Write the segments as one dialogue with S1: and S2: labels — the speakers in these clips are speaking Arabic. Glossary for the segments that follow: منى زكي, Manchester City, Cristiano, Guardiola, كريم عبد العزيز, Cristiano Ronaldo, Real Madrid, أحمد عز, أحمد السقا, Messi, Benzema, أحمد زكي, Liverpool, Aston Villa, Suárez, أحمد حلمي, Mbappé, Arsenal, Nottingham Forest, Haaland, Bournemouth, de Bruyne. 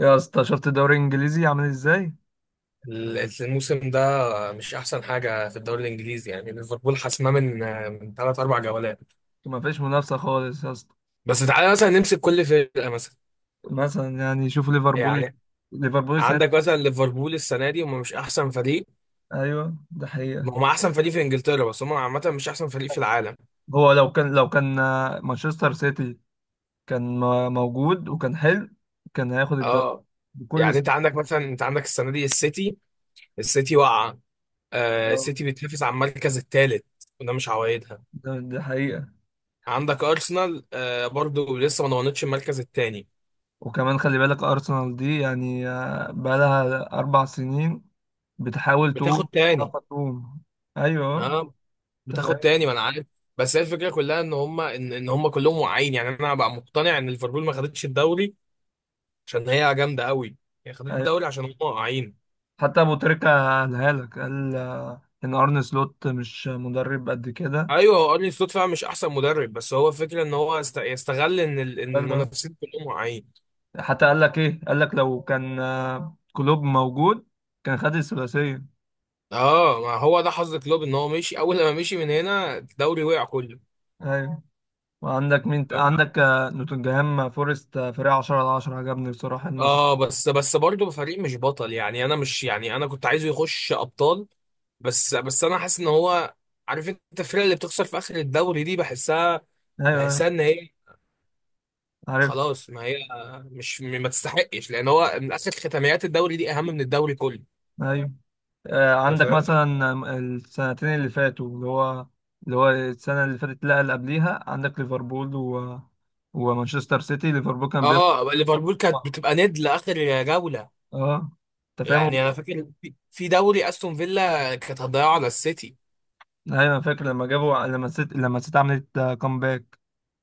S1: يا اسطى، شفت الدوري الانجليزي عامل ازاي؟
S2: الموسم ده مش احسن حاجه في الدوري الانجليزي، يعني ليفربول حاسماه من ثلاث اربع جولات.
S1: ما فيش منافسه خالص يا اسطى.
S2: بس تعالى مثلا نمسك كل فرقه. مثلا
S1: مثلا يعني شوف ليفربول.
S2: يعني
S1: ليفربول سنة.
S2: عندك مثلا ليفربول السنه دي، هم مش احسن فريق.
S1: ايوه ده حقيقه.
S2: هم احسن فريق في انجلترا، بس هم عامه مش احسن فريق في العالم.
S1: هو لو كان مانشستر سيتي موجود وكان حلو. كان هياخد الدوري
S2: اه،
S1: بكل
S2: يعني انت
S1: سنة.
S2: عندك مثلا، انت عندك السنه دي السيتي. السيتي واقعه. آه
S1: آه،
S2: السيتي بتنافس على المركز الثالث، وده مش عوايدها.
S1: ده حقيقه.
S2: عندك ارسنال، آه برضو لسه ما ضمنتش المركز الثاني.
S1: وكمان خلي بالك ارسنال دي، يعني بقالها اربع سنين بتحاول تقوم،
S2: بتاخد
S1: مش
S2: تاني.
S1: عارفة تقوم. ايوه.
S2: آه،
S1: انت
S2: بتاخد
S1: فاهم.
S2: تاني، ما انا عارف. بس هي الفكره كلها ان هم إن هم كلهم واعيين. يعني انا بقى مقتنع ان ليفربول ما خدتش الدوري عشان هي جامده قوي، هي خدت
S1: أيوه.
S2: الدوري عشان هم واعيين.
S1: حتى ابو تريكة قالها لك، قال ان ارن سلوت مش مدرب قد كده.
S2: ايوه، هو ارني سلوت فعلا مش احسن مدرب، بس هو فكره ان هو يستغل ان ان
S1: قال.
S2: المنافسين كلهم واعيين.
S1: حتى قال لك ايه؟ قال لك لو كان كلوب موجود كان خد الثلاثيه.
S2: اه، ما هو ده حظ كلوب ان هو مشي. اول لما مشي من هنا الدوري وقع كله.
S1: ايوه. عندك نوتنجهام فورست، فريق 10 على 10، عجبني بصراحه الموسم.
S2: اه بس برضه فريق مش بطل. يعني انا مش، يعني انا كنت عايزه يخش ابطال. بس انا حاسس ان هو، عارف انت الفرقه اللي بتخسر في اخر الدوري دي، بحسها.
S1: ايوه ايوه.
S2: بحسها ان هي
S1: عارف.
S2: خلاص، ما هي مش، ما تستحقش، لان هو من اخر ختاميات الدوري دي اهم من الدوري كله.
S1: ايوه.
S2: انت
S1: عندك
S2: فاهم؟
S1: مثلا السنتين اللي فاتوا، اللي هو السنه اللي فاتت، لا اللي قبليها، عندك ليفربول و... ومانشستر سيتي. ليفربول كان بيطلع.
S2: اه، ليفربول كانت بتبقى ند لاخر جوله.
S1: اه. انت
S2: يعني
S1: فاهم.
S2: انا فاكر في دوري استون فيلا كانت هتضيعه على السيتي.
S1: ايوه فاكر لما جابوا، لما الست عملت كومباك.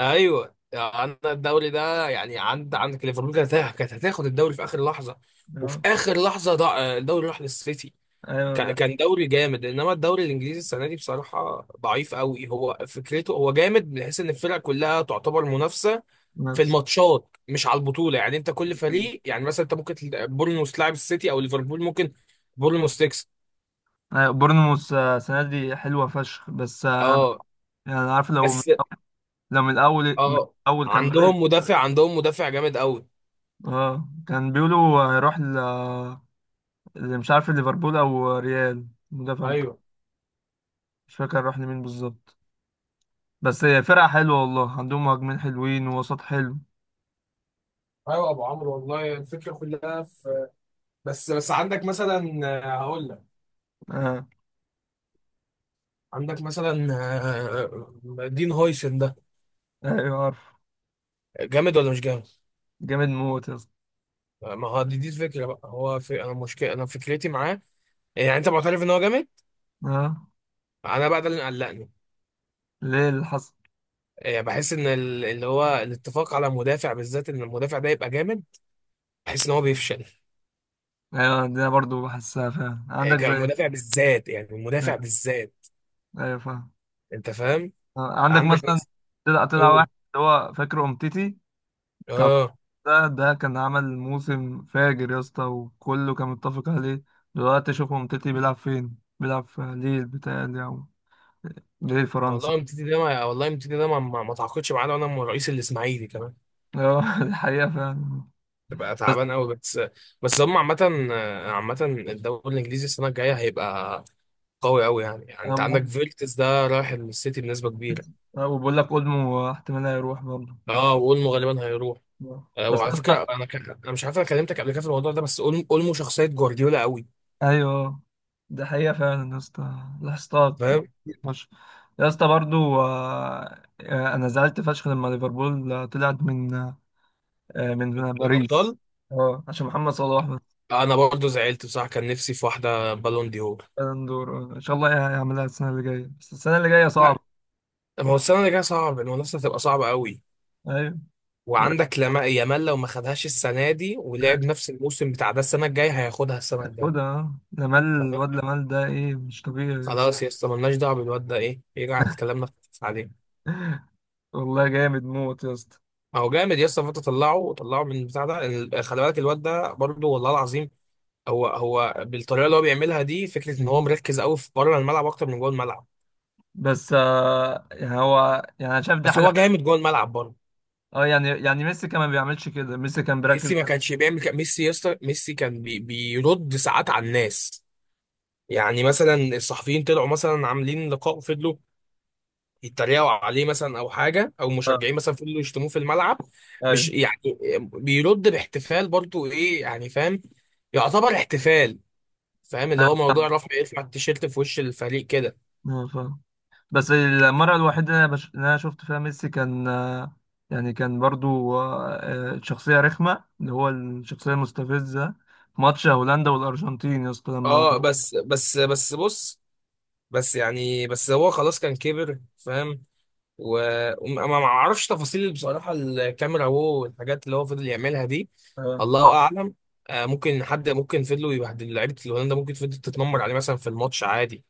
S2: ايوه، عندنا الدوري ده، يعني عند، عندك ليفربول كانت كانت هتاخد الدوري في اخر لحظه، وفي اخر لحظه ضاع الدوري راح للسيتي.
S1: ايوه
S2: كان
S1: ده.
S2: كان دوري جامد، انما الدوري الانجليزي السنه دي بصراحه ضعيف. قوي هو فكرته. هو جامد بحيث ان الفرق كلها تعتبر منافسه في
S1: نفس.
S2: الماتشات، مش على البطوله. يعني انت كل فريق، يعني مثلا انت ممكن بورنموث تلعب السيتي او ليفربول، ممكن بورنموث تكسب.
S1: ايوه، بورنموث السنه دي حلوه فشخ، بس
S2: اه
S1: يعني عارف، لو
S2: بس.
S1: لو من الاول، من
S2: اه،
S1: الاول كان بدأت.
S2: عندهم مدافع، عندهم مدافع جامد قوي.
S1: اه كان بيقولوا هيروح اللي مش عارف ليفربول او ريال، مدافع
S2: ايوه
S1: مش فاكر راح لمين بالظبط. بس هي فرقه حلوه والله، عندهم مهاجمين حلوين ووسط حلو.
S2: ايوه ابو عمرو، والله الفكره كلها في، بس عندك مثلا، هقول لك.
S1: اه.
S2: عندك مثلا، دين هويسن ده،
S1: ايوه عارف.
S2: جامد ولا مش جامد؟
S1: جامد موت يا اسطى.
S2: ما هو دي الفكره بقى. هو في انا مشكله، انا فكرتي معاه، يعني انت معترف ان هو جامد؟
S1: اه.
S2: انا بقى ده اللي قلقني.
S1: ليه اللي حصل؟
S2: بحس ان اللي هو الاتفاق على مدافع بالذات، ان المدافع ده يبقى جامد، بحس ان هو بيفشل.
S1: ايوه، ده برضو بحسها فعلا، عندك زي
S2: كمدافع بالذات، يعني المدافع بالذات.
S1: ايوه فاهم.
S2: انت فاهم؟
S1: عندك
S2: عندك
S1: مثلا.
S2: مثلا.
S1: طلع واحد،
S2: قول.
S1: اللي هو فاكر امتيتي. طب،
S2: اه،
S1: ده كان عمل موسم فاجر يا اسطى، وكله كان متفق عليه. دلوقتي شوف امتيتي بيلعب فين، بيلعب في ليل بتاعي او ليل فرنسا.
S2: والله متيتي ده ما، والله متيتي ده ما تعاقدش معانا، وانا من رئيس الاسماعيلي كمان.
S1: ايوه دي حقيقة فعلا.
S2: تبقى تعبان قوي. بس بس هم عامة. عامة الدوري الانجليزي السنة الجاية هيبقى قوي قوي، يعني يعني
S1: أنا
S2: انت عندك
S1: بقول-
S2: فيرتس ده رايح السيتي بنسبة كبيرة.
S1: وبقول لك اولمو احتمال هيروح برضه.
S2: اه، واولمو غالبا هيروح. آه،
S1: بس
S2: وعلى
S1: يا اسطى.
S2: فكرة انا انا مش عارف انا كلمتك قبل كده في الموضوع ده، بس اولمو شخصية جوارديولا قوي.
S1: ايوه. ده حقيقة فعلا يا اسطى، لاحظتها
S2: فاهم
S1: كتير فشخ. يا اسطى، برضو انا زعلت فشخ لما ليفربول طلعت من من باريس.
S2: الابطال.
S1: اه، عشان محمد صلاح بس.
S2: انا برضه زعلت بصراحة، كان نفسي في واحدة بالون دي هور.
S1: بالون دور. ان شاء الله هيعملها السنة اللي جاية، بس السنة اللي جاية
S2: لا،
S1: صعبة.
S2: ما هو السنة اللي جاية صعب. المنافسة هتبقى صعبة قوي.
S1: ايوه. و-
S2: وعندك لما يامال، لو ما خدهاش السنه دي
S1: آه،
S2: ولعب نفس الموسم بتاع ده، السنه الجايه هياخدها، السنه الجايه.
S1: خدها آه. لامال،
S2: تمام.
S1: الواد لامال ده ايه؟ مش طبيعي يا اسطى.
S2: خلاص يا اسطى، مالناش دعوه بالواد ده. ايه يرجع الكلام ده عليه.
S1: والله جامد موت يا اسطى.
S2: ما هو جامد يا اسطى. فانت طلعه طلعه من بتاع ده خلي بالك الواد ده برضه، والله العظيم. هو هو بالطريقه اللي هو بيعملها دي، فكره ان هو مركز قوي في بره الملعب اكتر من جوه الملعب.
S1: بس يعني هو، يعني انا شايف دي
S2: بس
S1: حاجة
S2: هو
S1: حلوة.
S2: جامد جوه الملعب برضه.
S1: اه يعني ميسي كمان ما بيعملش كده، ميسي كان بيركز.
S2: ميسي ما كانش بيعمل كده. ميسي يا اسطى، ميسي كان بيرد ساعات على الناس. يعني مثلا الصحفيين طلعوا مثلا عاملين لقاء، فضلوا يتريقوا عليه مثلا، او حاجه، او
S1: آه.
S2: مشجعين مثلا فضلوا يشتموه في الملعب. مش
S1: ايوه.
S2: يعني، بيرد باحتفال برضو. ايه يعني، فاهم؟ يعتبر احتفال. فاهم اللي هو
S1: ايوه
S2: موضوع
S1: فاهم.
S2: رفع، يرفع التيشيرت في وش الفريق كده.
S1: أيوة فاهم. بس المرة الوحيدة اللي اللي أنا شفت فيها ميسي كان يعني كان برضو شخصية رخمة، اللي هو الشخصية المستفزة، في ماتش هولندا والأرجنتين يا اسطى لما.
S2: اه بس بص. بس يعني، بس هو خلاص كان كبر. فاهم؟ وما ما اعرفش تفاصيل بصراحه، الكاميرا وهو والحاجات اللي هو فضل يعملها دي.
S1: آه.
S2: الله اعلم. آه، ممكن حد، ممكن فضلوا يبهدل لعيبه، الهولندا ممكن فضلت تتنمر عليه مثلا في الماتش عادي.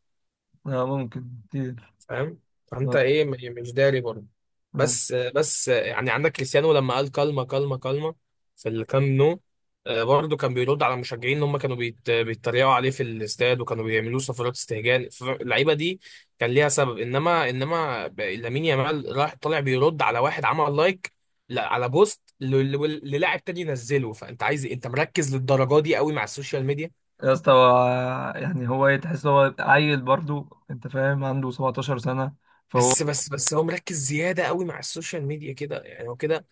S1: آه، ممكن كتير.
S2: فاهم؟ فانت
S1: آه.
S2: ايه، مش داري برضه.
S1: آه.
S2: بس يعني عندك كريستيانو لما قال كلمه كلمه كلمه في الكام نو، برضه كان بيرد على المشجعين ان هم كانوا بيتريقوا عليه في الاستاد، وكانوا بيعملوا صفارات استهجان. اللعيبه دي كان ليها سبب، انما انما لامين يامال راح طالع بيرد على واحد عمل لايك، لا، على بوست للاعب تاني ينزله. فانت عايز إيه؟ انت مركز للدرجه دي قوي مع السوشيال ميديا؟
S1: يا اسطى يعني هو إيه؟ تحس هو عيل برضو، أنت فاهم، عنده 17 سنة، فهو
S2: بس هو مركز زياده قوي مع السوشيال ميديا كده، يعني هو كده.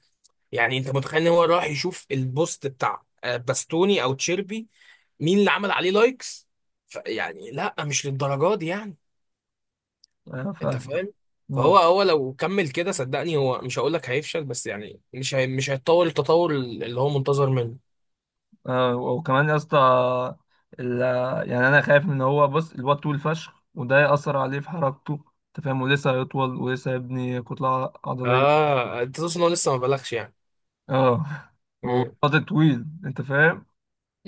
S2: يعني انت متخيل ان هو راح يشوف البوست بتاع باستوني او تشيربي، مين اللي عمل عليه لايكس؟ يعني لا، مش للدرجه دي يعني. انت
S1: فاهم.
S2: فاهم؟
S1: آه،
S2: فهو هو لو كمل كده، صدقني هو مش، هقول لك هيفشل، بس يعني مش، هي مش هيتطور التطور اللي هو منتظر منه.
S1: وكمان يا اسطى ال- يعني انا خايف ان هو، بص الواد طول فشخ، وده يأثر عليه في حركته. انت فاهم، ولسه هيطول ولسه هيبني كتلة عضلية.
S2: اه، انت تقصد ان هو لسه ما بلغش يعني.
S1: اه.
S2: امم
S1: وقد طويل، انت فاهم.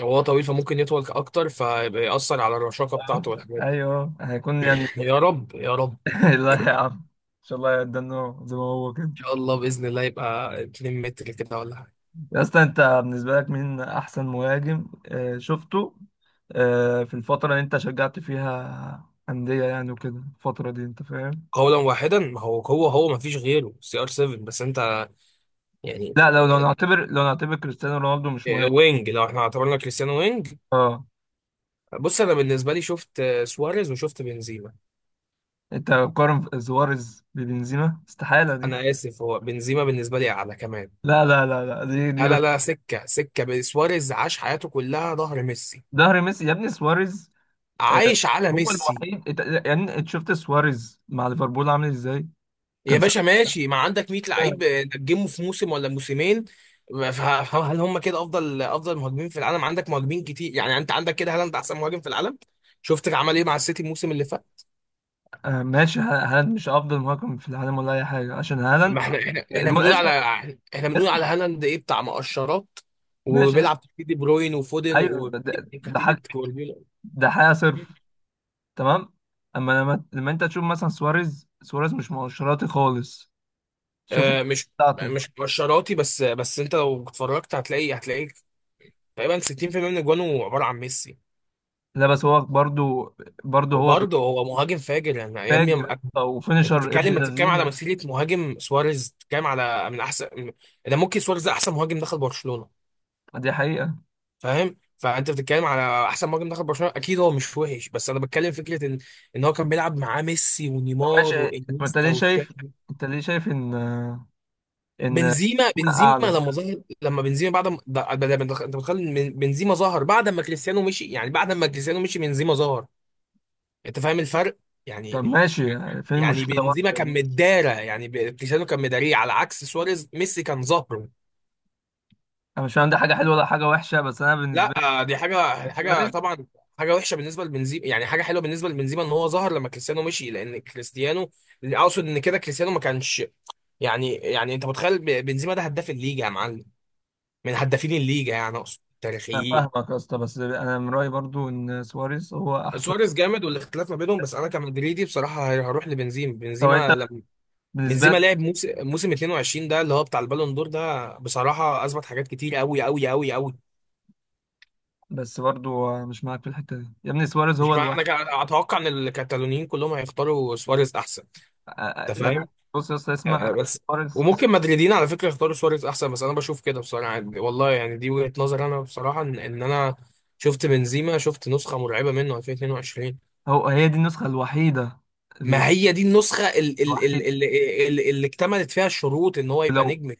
S2: هو طويل، فممكن يطول اكتر، فيبقى يأثر على الرشاقه
S1: آه.
S2: بتاعته والحاجات دي.
S1: ايوه هيكون يعني
S2: يا رب يا رب ان
S1: لا يا عم، ان شاء الله يدنا زي ما هو كده.
S2: شاء الله باذن الله يبقى 2 متر كده ولا حاجه.
S1: يا اسطى انت بالنسبة لك مين احسن مهاجم شفته في الفترة اللي انت شجعت فيها أندية، يعني وكده الفترة دي، انت فاهم.
S2: قولا واحدا، ما هو هو هو ما فيش غيره سي ار 7، بس انت يعني،
S1: لا، لو نعتبر كريستيانو رونالدو مش مهم.
S2: وينج. لو احنا اعتبرنا كريستيانو وينج.
S1: اه.
S2: بص، انا بالنسبه لي شفت سواريز، وشفت بنزيما.
S1: انت قارن سواريز ببنزيما؟ استحالة دي.
S2: انا اسف، هو بنزيما بالنسبه لي اعلى كمان.
S1: لا، لا، لا، لا،
S2: لا لا لا، سكه سواريز عاش حياته كلها ظهر ميسي،
S1: ظهر ميسي يا ابني سواريز. آه.
S2: عايش على
S1: هو
S2: ميسي.
S1: الوحيد يعني انت شفت سواريز مع ليفربول عامل ازاي.
S2: يا
S1: كان
S2: باشا ماشي، ما عندك 100 لعيب
S1: ساعتها
S2: نجمه في موسم ولا موسمين. هل هم كده افضل افضل مهاجمين في العالم؟ عندك مهاجمين كتير. يعني انت عندك كده، هل انت احسن مهاجم في العالم؟ شفت عمل ايه مع السيتي الموسم اللي فات.
S1: ماشي، هالاند مش افضل مهاجم في العالم ولا اي حاجة، عشان هالاند
S2: ما احنا بنقول على،
S1: اسمع.
S2: احنا بنقول على
S1: اسمع.
S2: هالاند ايه، بتاع مقشرات،
S1: ماشي اسمع.
S2: وبيلعب تحت دي بروين وفودن
S1: ايوه ده
S2: وكتيبة
S1: حاجة،
S2: جوارديولا.
S1: ده حاجة صرف. تمام. اما لما انت تشوف مثلا سواريز، مش مؤشراطي خالص. شوف.
S2: آه مش
S1: بتاعته.
S2: مش مقشراتي بس. بس انت لو اتفرجت هتلاقي تقريبا 60% من اجوانه عبارة عن ميسي.
S1: لا بس هو برضو، برضو هو
S2: وبرضه هو مهاجم فاجر، يعني يا ابني
S1: فاجر،
S2: أنا.
S1: او
S2: انت
S1: فينيشر ابن
S2: بتتكلم على
S1: لذين.
S2: مسيرة مهاجم. سواريز، بتتكلم على من احسن. ده ممكن سواريز ده احسن مهاجم دخل برشلونة.
S1: دي حقيقة.
S2: فاهم؟ فانت بتتكلم على احسن مهاجم دخل برشلونه، اكيد هو مش وحش، بس انا بتكلم فكره ان، ان هو كان بيلعب معاه ميسي
S1: طب
S2: ونيمار
S1: ماشي، طب انت
S2: وانيستا
S1: ليه شايف؟
S2: وتشافي.
S1: انت ليه شايف ان، ان
S2: بنزيما، بنزيما
S1: اعلى؟
S2: لما ظهر، لما بنزيما بعد ما ده انت متخيل إن بنزيما ظهر بعد ما كريستيانو مشي؟ يعني بعد ما كريستيانو مشي بنزيما ظهر. انت فاهم الفرق؟
S1: طب
S2: يعني،
S1: ماشي، يعني فين
S2: يعني
S1: المشكلة؟
S2: بنزيما كان
S1: برضه؟
S2: مدارة، يعني كريستيانو كان مداريه، على عكس سواريز ميسي كان ظهره.
S1: انا مش عندي حاجة حلوة ولا حاجة وحشة، بس انا بالنسبة
S2: لا،
S1: لي
S2: دي حاجه، حاجه
S1: سواريز.
S2: طبعا. حاجه وحشه بالنسبه لبنزيما، يعني حاجه حلوه بالنسبه لبنزيما ان هو ظهر لما كريستيانو مشي، لان كريستيانو، اقصد ان كده كريستيانو ما كانش، يعني يعني انت متخيل بنزيما ده هداف الليجا يا معلم، من هدافين الليجا، يعني اقصد
S1: انا
S2: تاريخيين.
S1: فاهمك يا اسطى، بس انا من رأيي برضو ان سواريز هو احسن.
S2: سواريز جامد، والاختلاف ما بينهم، بس انا كمدريدي بصراحه هروح لبنزيما.
S1: طب انت
S2: بنزيما لما،
S1: بالنسبة
S2: بنزيما
S1: لك؟
S2: لعب موسم، موسم 22 ده اللي هو بتاع البالون دور ده، بصراحه اثبت حاجات كتير قوي قوي قوي قوي.
S1: بس برضو مش معاك في الحتة دي، يا ابني سواريز هو
S2: مش
S1: الوحيد.
S2: معنى كده اتوقع ان الكتالونيين كلهم هيختاروا سواريز احسن. انت
S1: يعني
S2: فاهم؟
S1: بص يا اسطى اسمع.
S2: بس
S1: سواريز
S2: وممكن مدريدين على فكره يختاروا سواريز احسن، بس انا بشوف كده بصراحه، يعني والله، يعني دي وجهه نظر. انا بصراحه ان إن انا شفت بنزيما، شفت نسخه مرعبه منه 2022.
S1: هي دي النسخة الوحيدة،
S2: ما هي دي النسخه
S1: الوحيد.
S2: اللي اكتملت فيها الشروط ان هو يبقى
S1: ولو،
S2: نجم.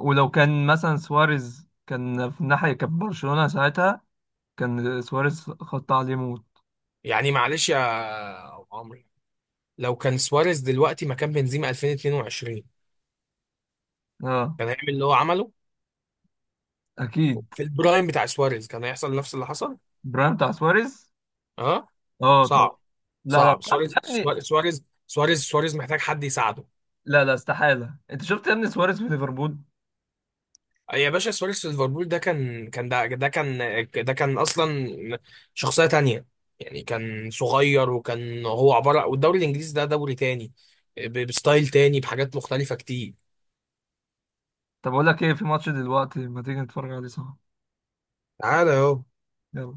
S1: ولو كان مثلا سواريز كان في الناحية، كان برشلونة ساعتها كان سواريز خط عليه موت.
S2: يعني معلش يا أبو عمرو، لو كان سواريز دلوقتي مكان بنزيما 2022
S1: اه.
S2: كان هيعمل اللي هو عمله.
S1: اكيد.
S2: في البرايم بتاع سواريز كان هيحصل نفس اللي حصل.
S1: برايم بتاع سواريز.
S2: اه
S1: اه
S2: صعب.
S1: طبعا. لا لا،
S2: صعب
S1: طب يا
S2: سواريز،
S1: ابني.
S2: سواريز محتاج حد يساعده.
S1: لا لا، استحالة، انت شفت يا ابني سواريز في ليفربول.
S2: يا باشا سواريز في ليفربول ده كان، كان ده، ده كان، ده كان اصلا شخصية تانية. يعني كان صغير، وكان هو عبارة، والدوري الانجليزي ده دوري تاني، بستايل تاني بحاجات مختلفة كتير.
S1: طب اقول لك ايه، في ماتش دلوقتي، ما تيجي نتفرج عليه سوا.
S2: تعالى اهو.
S1: يلا.